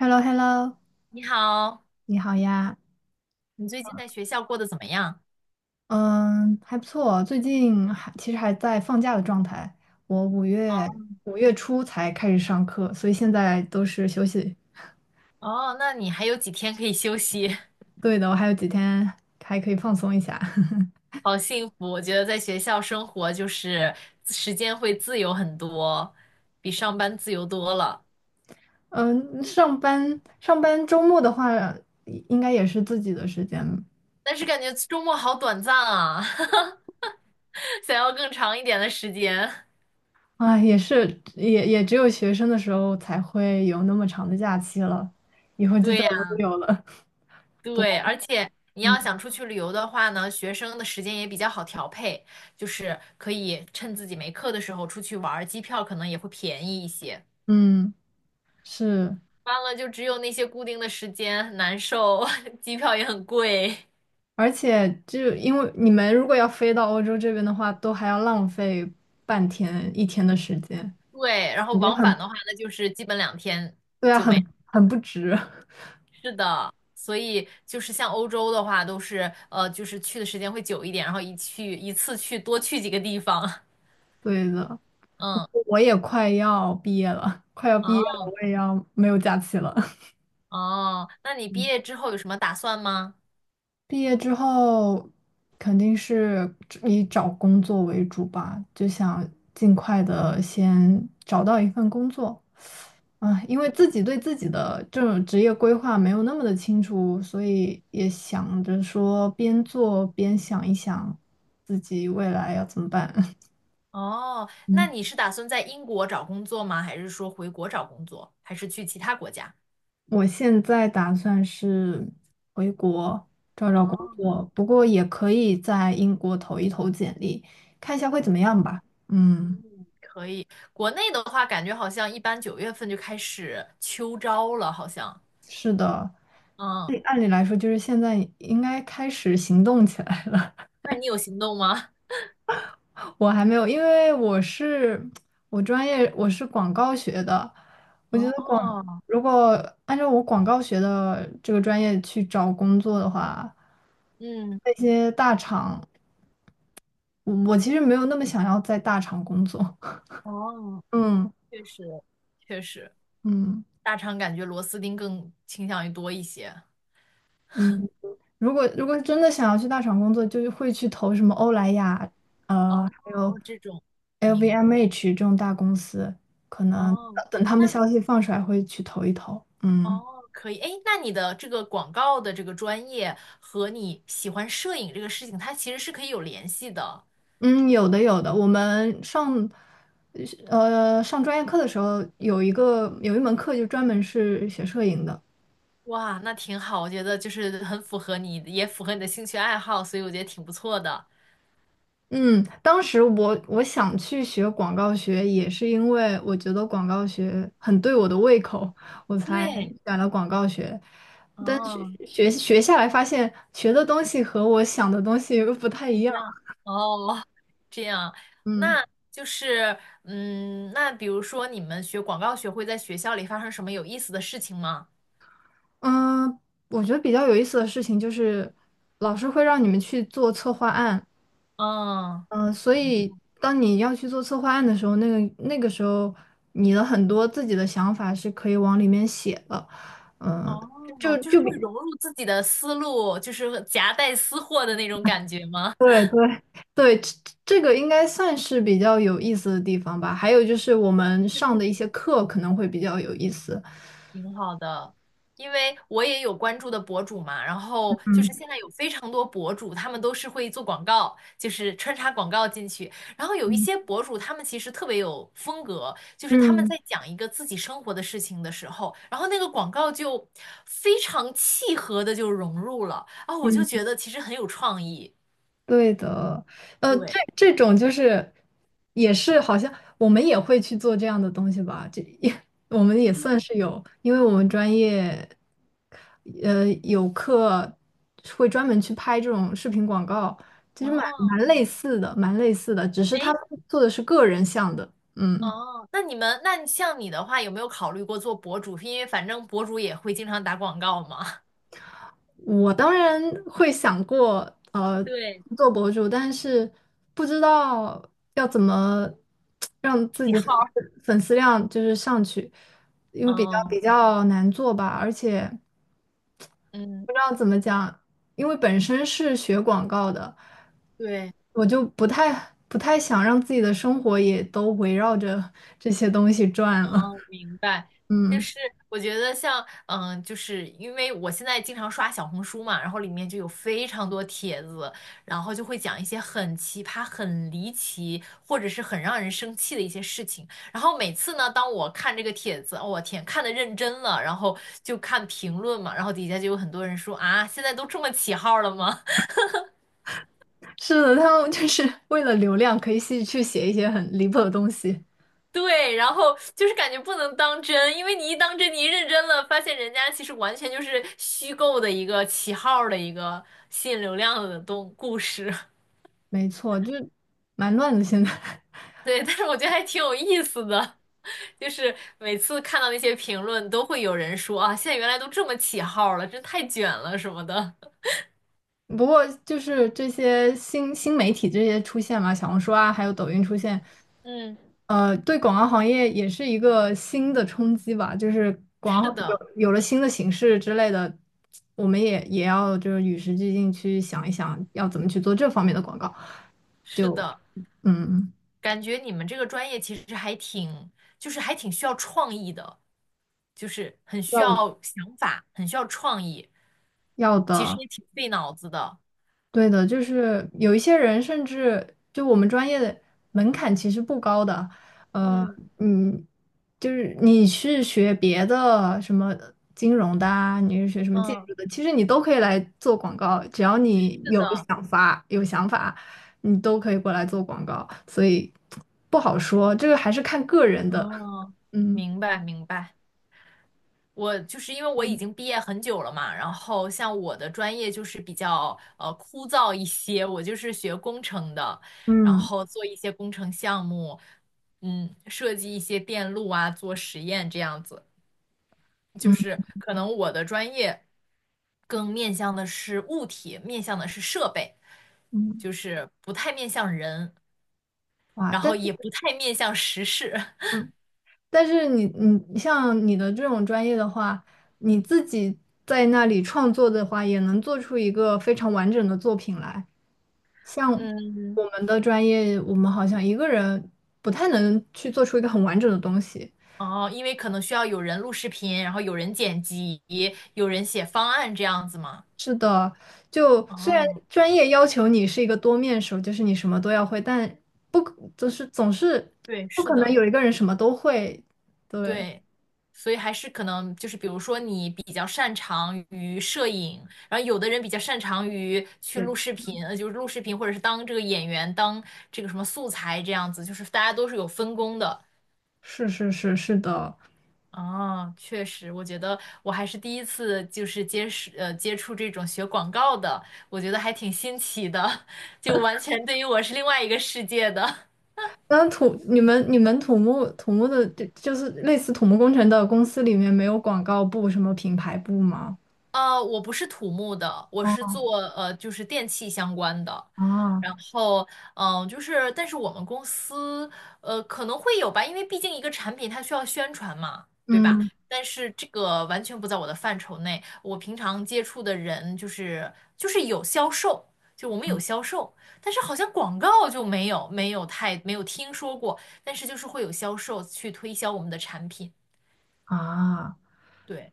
h e l l o h e l l o 你好，你好呀，你最近在学校过得怎么样？嗯，还不错，最近还其实还在放假的状态，我五月初才开始上课，所以现在都是休息。哦，那你还有几天可以休息。对的，我还有几天还可以放松一下。好幸福！我觉得在学校生活就是时间会自由很多，比上班自由多了。嗯，上班周末的话，应该也是自己的时间但是感觉周末好短暂啊，想要更长一点的时间。啊，也是也也只有学生的时候才会有那么长的假期了，以后就对再呀，也没有了。对，而且你要想出去旅游的话呢，学生的时间也比较好调配，就是可以趁自己没课的时候出去玩儿，机票可能也会便宜一些。嗯，是。完了就只有那些固定的时间，很难受，机票也很贵。而且就因为你们如果要飞到欧洲这边的话，都还要浪费半天一天的时间，对，然后感觉往返很，的话，那就是基本两天对啊，就很没。很不值。是的，所以就是像欧洲的话，都是就是去的时间会久一点，然后一次去多去几个地方。对的，不嗯，过我也快要毕业了，快要毕业了，哦我也要没有假期了。哦，那你毕 业之后有什么打算吗？毕业之后肯定是以找工作为主吧，就想尽快的先找到一份工作。啊，因为自己对自己的这种职业规划没有那么的清楚，所以也想着说边做边想一想自己未来要怎么办。哦，那嗯，你是打算在英国找工作吗？还是说回国找工作？还是去其他国家？我现在打算是回国找找工哦。作，不过也可以在英国投一投简历，看一下会怎么样吧。嗯。可以，国内的话，感觉好像一般九月份就开始秋招了，好像。是的，嗯，哎按理来说，就是现在应该开始行动起来了。那你有行动吗？我还没有，因为我是广告学的，我觉得广哦如果按照我广告学的这个专业去找工作的话，嗯，那些大厂，我其实没有那么想要在大厂工作。哦，嗯确实，确实，嗯大厂感觉螺丝钉更倾向于多一些。嗯。如果真的想要去大厂工作，就会去投什么欧莱雅，哦，还有 这种，明，LVMH 这种大公司。哦，等他们那消息放出来，会去投一投。嗯哦，可以。哎，那你的这个广告的这个专业和你喜欢摄影这个事情，它其实是可以有联系的。嗯，有的有的。我们上专业课的时候，有一门课就专门是学摄影的，哇，那挺好，我觉得就是很符合你，也符合你的兴趣爱好，所以我觉得挺不错的。嗯，当时我想去学广告学，也是因为我觉得广告学很对我的胃口，我才对，选了广告学。但学哦，学学下来，发现学的东西和我想的东西又不太一一样。样，哦，这样，嗯那就是，嗯，那比如说你们学广告学会在学校里发生什么有意思的事情吗？嗯。我觉得比较有意思的事情就是，老师会让你们去做策划案。嗯，嗯，所以当你要去做策划案的时候，那个时候，你的很多自己的想法是可以往里面写的。嗯，就哦，就是就比会融入自己的思路，就是夹带私货的那种感觉吗？对对对，这个应该算是比较有意思的地方吧。还有就是我们上的一些课可能会比较有意思。挺好的，因为我也有关注的博主嘛，然后就是嗯现在有非常多博主，他们都是会做广告，就是穿插广告进去。然后有一嗯些博主，他们其实特别有风格，就是他们嗯在讲一个自己生活的事情的时候，然后那个广告就非常契合的就融入了啊，我就嗯。觉得其实很有创意。对的，对，这种就是也是好像我们也会去做这样的东西吧，这也 我们也对，算是有，因为我们专业有课会专门去拍这种视频广告，其实蛮哦，蛮类似的，蛮类似的，只是他们哎。做的是个人像的，嗯。哦，那你们，那像你的话，有没有考虑过做博主？因为反正博主也会经常打广告嘛。我当然会想过，呃，对，做博主，但是不知道要怎么让自喜己粉号，丝粉丝量就是上去，因为比较比嗯较难做吧，而且嗯。不知道怎么讲，因为本身是学广告的，对，我就不太想让自己的生活也都围绕着这些东西转了。哦，明白，就嗯，是我觉得像，嗯，就是因为我现在经常刷小红书嘛，然后里面就有非常多帖子，然后就会讲一些很奇葩、很离奇，或者是很让人生气的一些事情。然后每次呢，当我看这个帖子，哦，我天，看的认真了，然后就看评论嘛，然后底下就有很多人说啊，现在都这么起号了吗？是的，他们就是为了流量可以去写一些很离谱的东西。对，然后就是感觉不能当真，因为你一当真，你一认真了，发现人家其实完全就是虚构的一个起号儿的一个吸引流量的东故事。没错，就是蛮乱的现在。对，但是我觉得还挺有意思的，就是每次看到那些评论，都会有人说啊，现在原来都这么起号儿了，真太卷了什么的。不过就是这些新媒体这些出现嘛，小红书啊，还有抖音出现，嗯，对广告行业也是一个新的冲击吧。就是广告是有的，有了新的形式之类的，我们也要就是与时俱进去想一想，要怎么去做这方面的广告，是就的，嗯感觉你们这个专业其实还挺，就是还挺需要创意的，就是很需要要想法，很需要创意。要其实的。也挺费脑子的。对的，就是有一些人，甚至就我们专业的门槛其实不高的，呃，嗯，嗯，就是你是学别的什么金融的啊，你是学什么建嗯，筑的，其实你都可以来做广告，只要你是有的，想法、有想法，你都可以过来做广告，所以不好说，这个还是看个人的，哦，嗯明白明白。我就是因为我已经毕业很久了嘛，然后像我的专业就是比较枯燥一些，我就是学工程的，然嗯后做一些工程项目，嗯，设计一些电路啊，做实验这样子。就嗯是可能我的专业更面向的是物体，面向的是设备，嗯，就是不太面向人。哇，然但。后也不太面向时事。但是你像你的这种专业的话，你自己在那里创作的话，也能做出一个非常完整的作品来。像嗯，我们的专业，我们好像一个人不太能去做出一个很完整的东西。哦，因为可能需要有人录视频，然后有人剪辑，有人写方案这样子嘛。是的，就虽然哦，专业要求你是一个多面手，就是你什么都要会，但不可就是总是对，不是可能的，有一个人什么都会。对，对，所以还是可能就是，比如说你比较擅长于摄影，然后有的人比较擅长于去录也视频，就是录视频或者是当这个演员，当这个什么素材这样子，就是大家都是有分工的。是是是是的。哦，确实，我觉得我还是第一次就是接触这种学广告的，我觉得还挺新奇的，就完全对于我是另外一个世界的。那你们土木的就是类似土木工程的公司里面没有广告部什么品牌部吗？我不是土木的，我是做就是电器相关的。啊，然后，嗯、就是，但是我们公司，可能会有吧，因为毕竟一个产品它需要宣传嘛，对吧？嗯但是这个完全不在我的范畴内。我平常接触的人就是有销售，就我们有销售，但是好像广告就没有听说过，但是就是会有销售去推销我们的产品，啊，对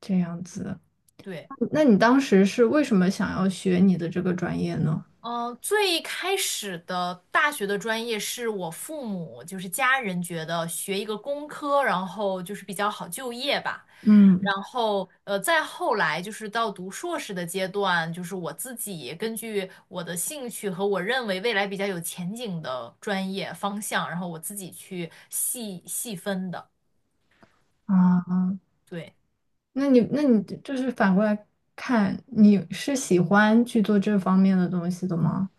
这样子。对。那你当时是为什么想要学你的这个专业呢？嗯，最开始的大学的专业是我父母，就是家人觉得学一个工科，然后就是比较好就业吧。嗯然后，再后来就是到读硕士的阶段，就是我自己根据我的兴趣和我认为未来比较有前景的专业方向，然后我自己去细细分的。啊，对，那你就是反过来看，你是喜欢去做这方面的东西的吗？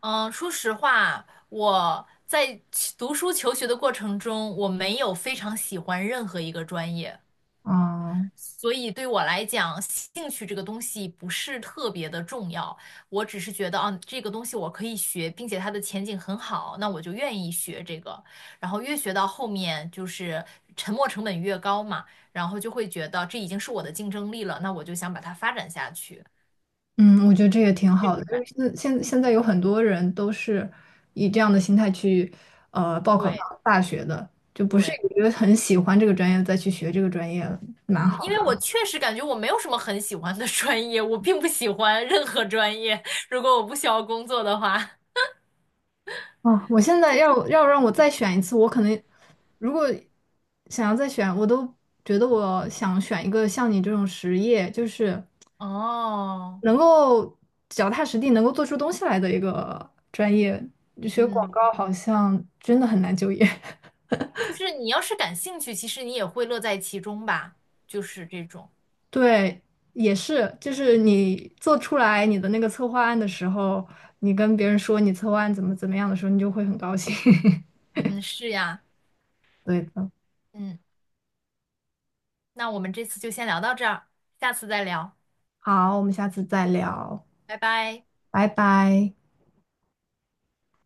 嗯，说实话，我在其读书求学的过程中，我没有非常喜欢任何一个专业。啊，所以对我来讲，兴趣这个东西不是特别的重要，我只是觉得啊，这个东西我可以学，并且它的前景很好，那我就愿意学这个。然后越学到后面，就是沉没成本越高嘛，然后就会觉得这已经是我的竞争力了，那我就想把它发展下去，嗯，我觉得这也挺这好种的，就感。是现在有很多人都是以这样的心态去报考大对大学的，就不是对，因为很喜欢这个专业再去学这个专业了蛮嗯，好因为我确实感觉我没有什么很喜欢的专业，我并不喜欢任何专业，如果我不需要工作的话。啊，哦我现在要让我再选一次，我可能如果想要再选，我都觉得我想选一个像你这种实业，就是 哦，能够脚踏实地，能够做出东西来的一个专业。学广告嗯。好像真的很难就业。就是你要是感兴趣，其实你也会乐在其中吧，就是这种。对，也是，就是你做出来你的那个策划案的时候，你跟别人说你策划案怎么怎么样的时候，你就会很高兴。嗯，是呀，对的，嗯，那我们这次就先聊到这儿，下次再聊，好，我们下次再聊，拜拜。拜拜。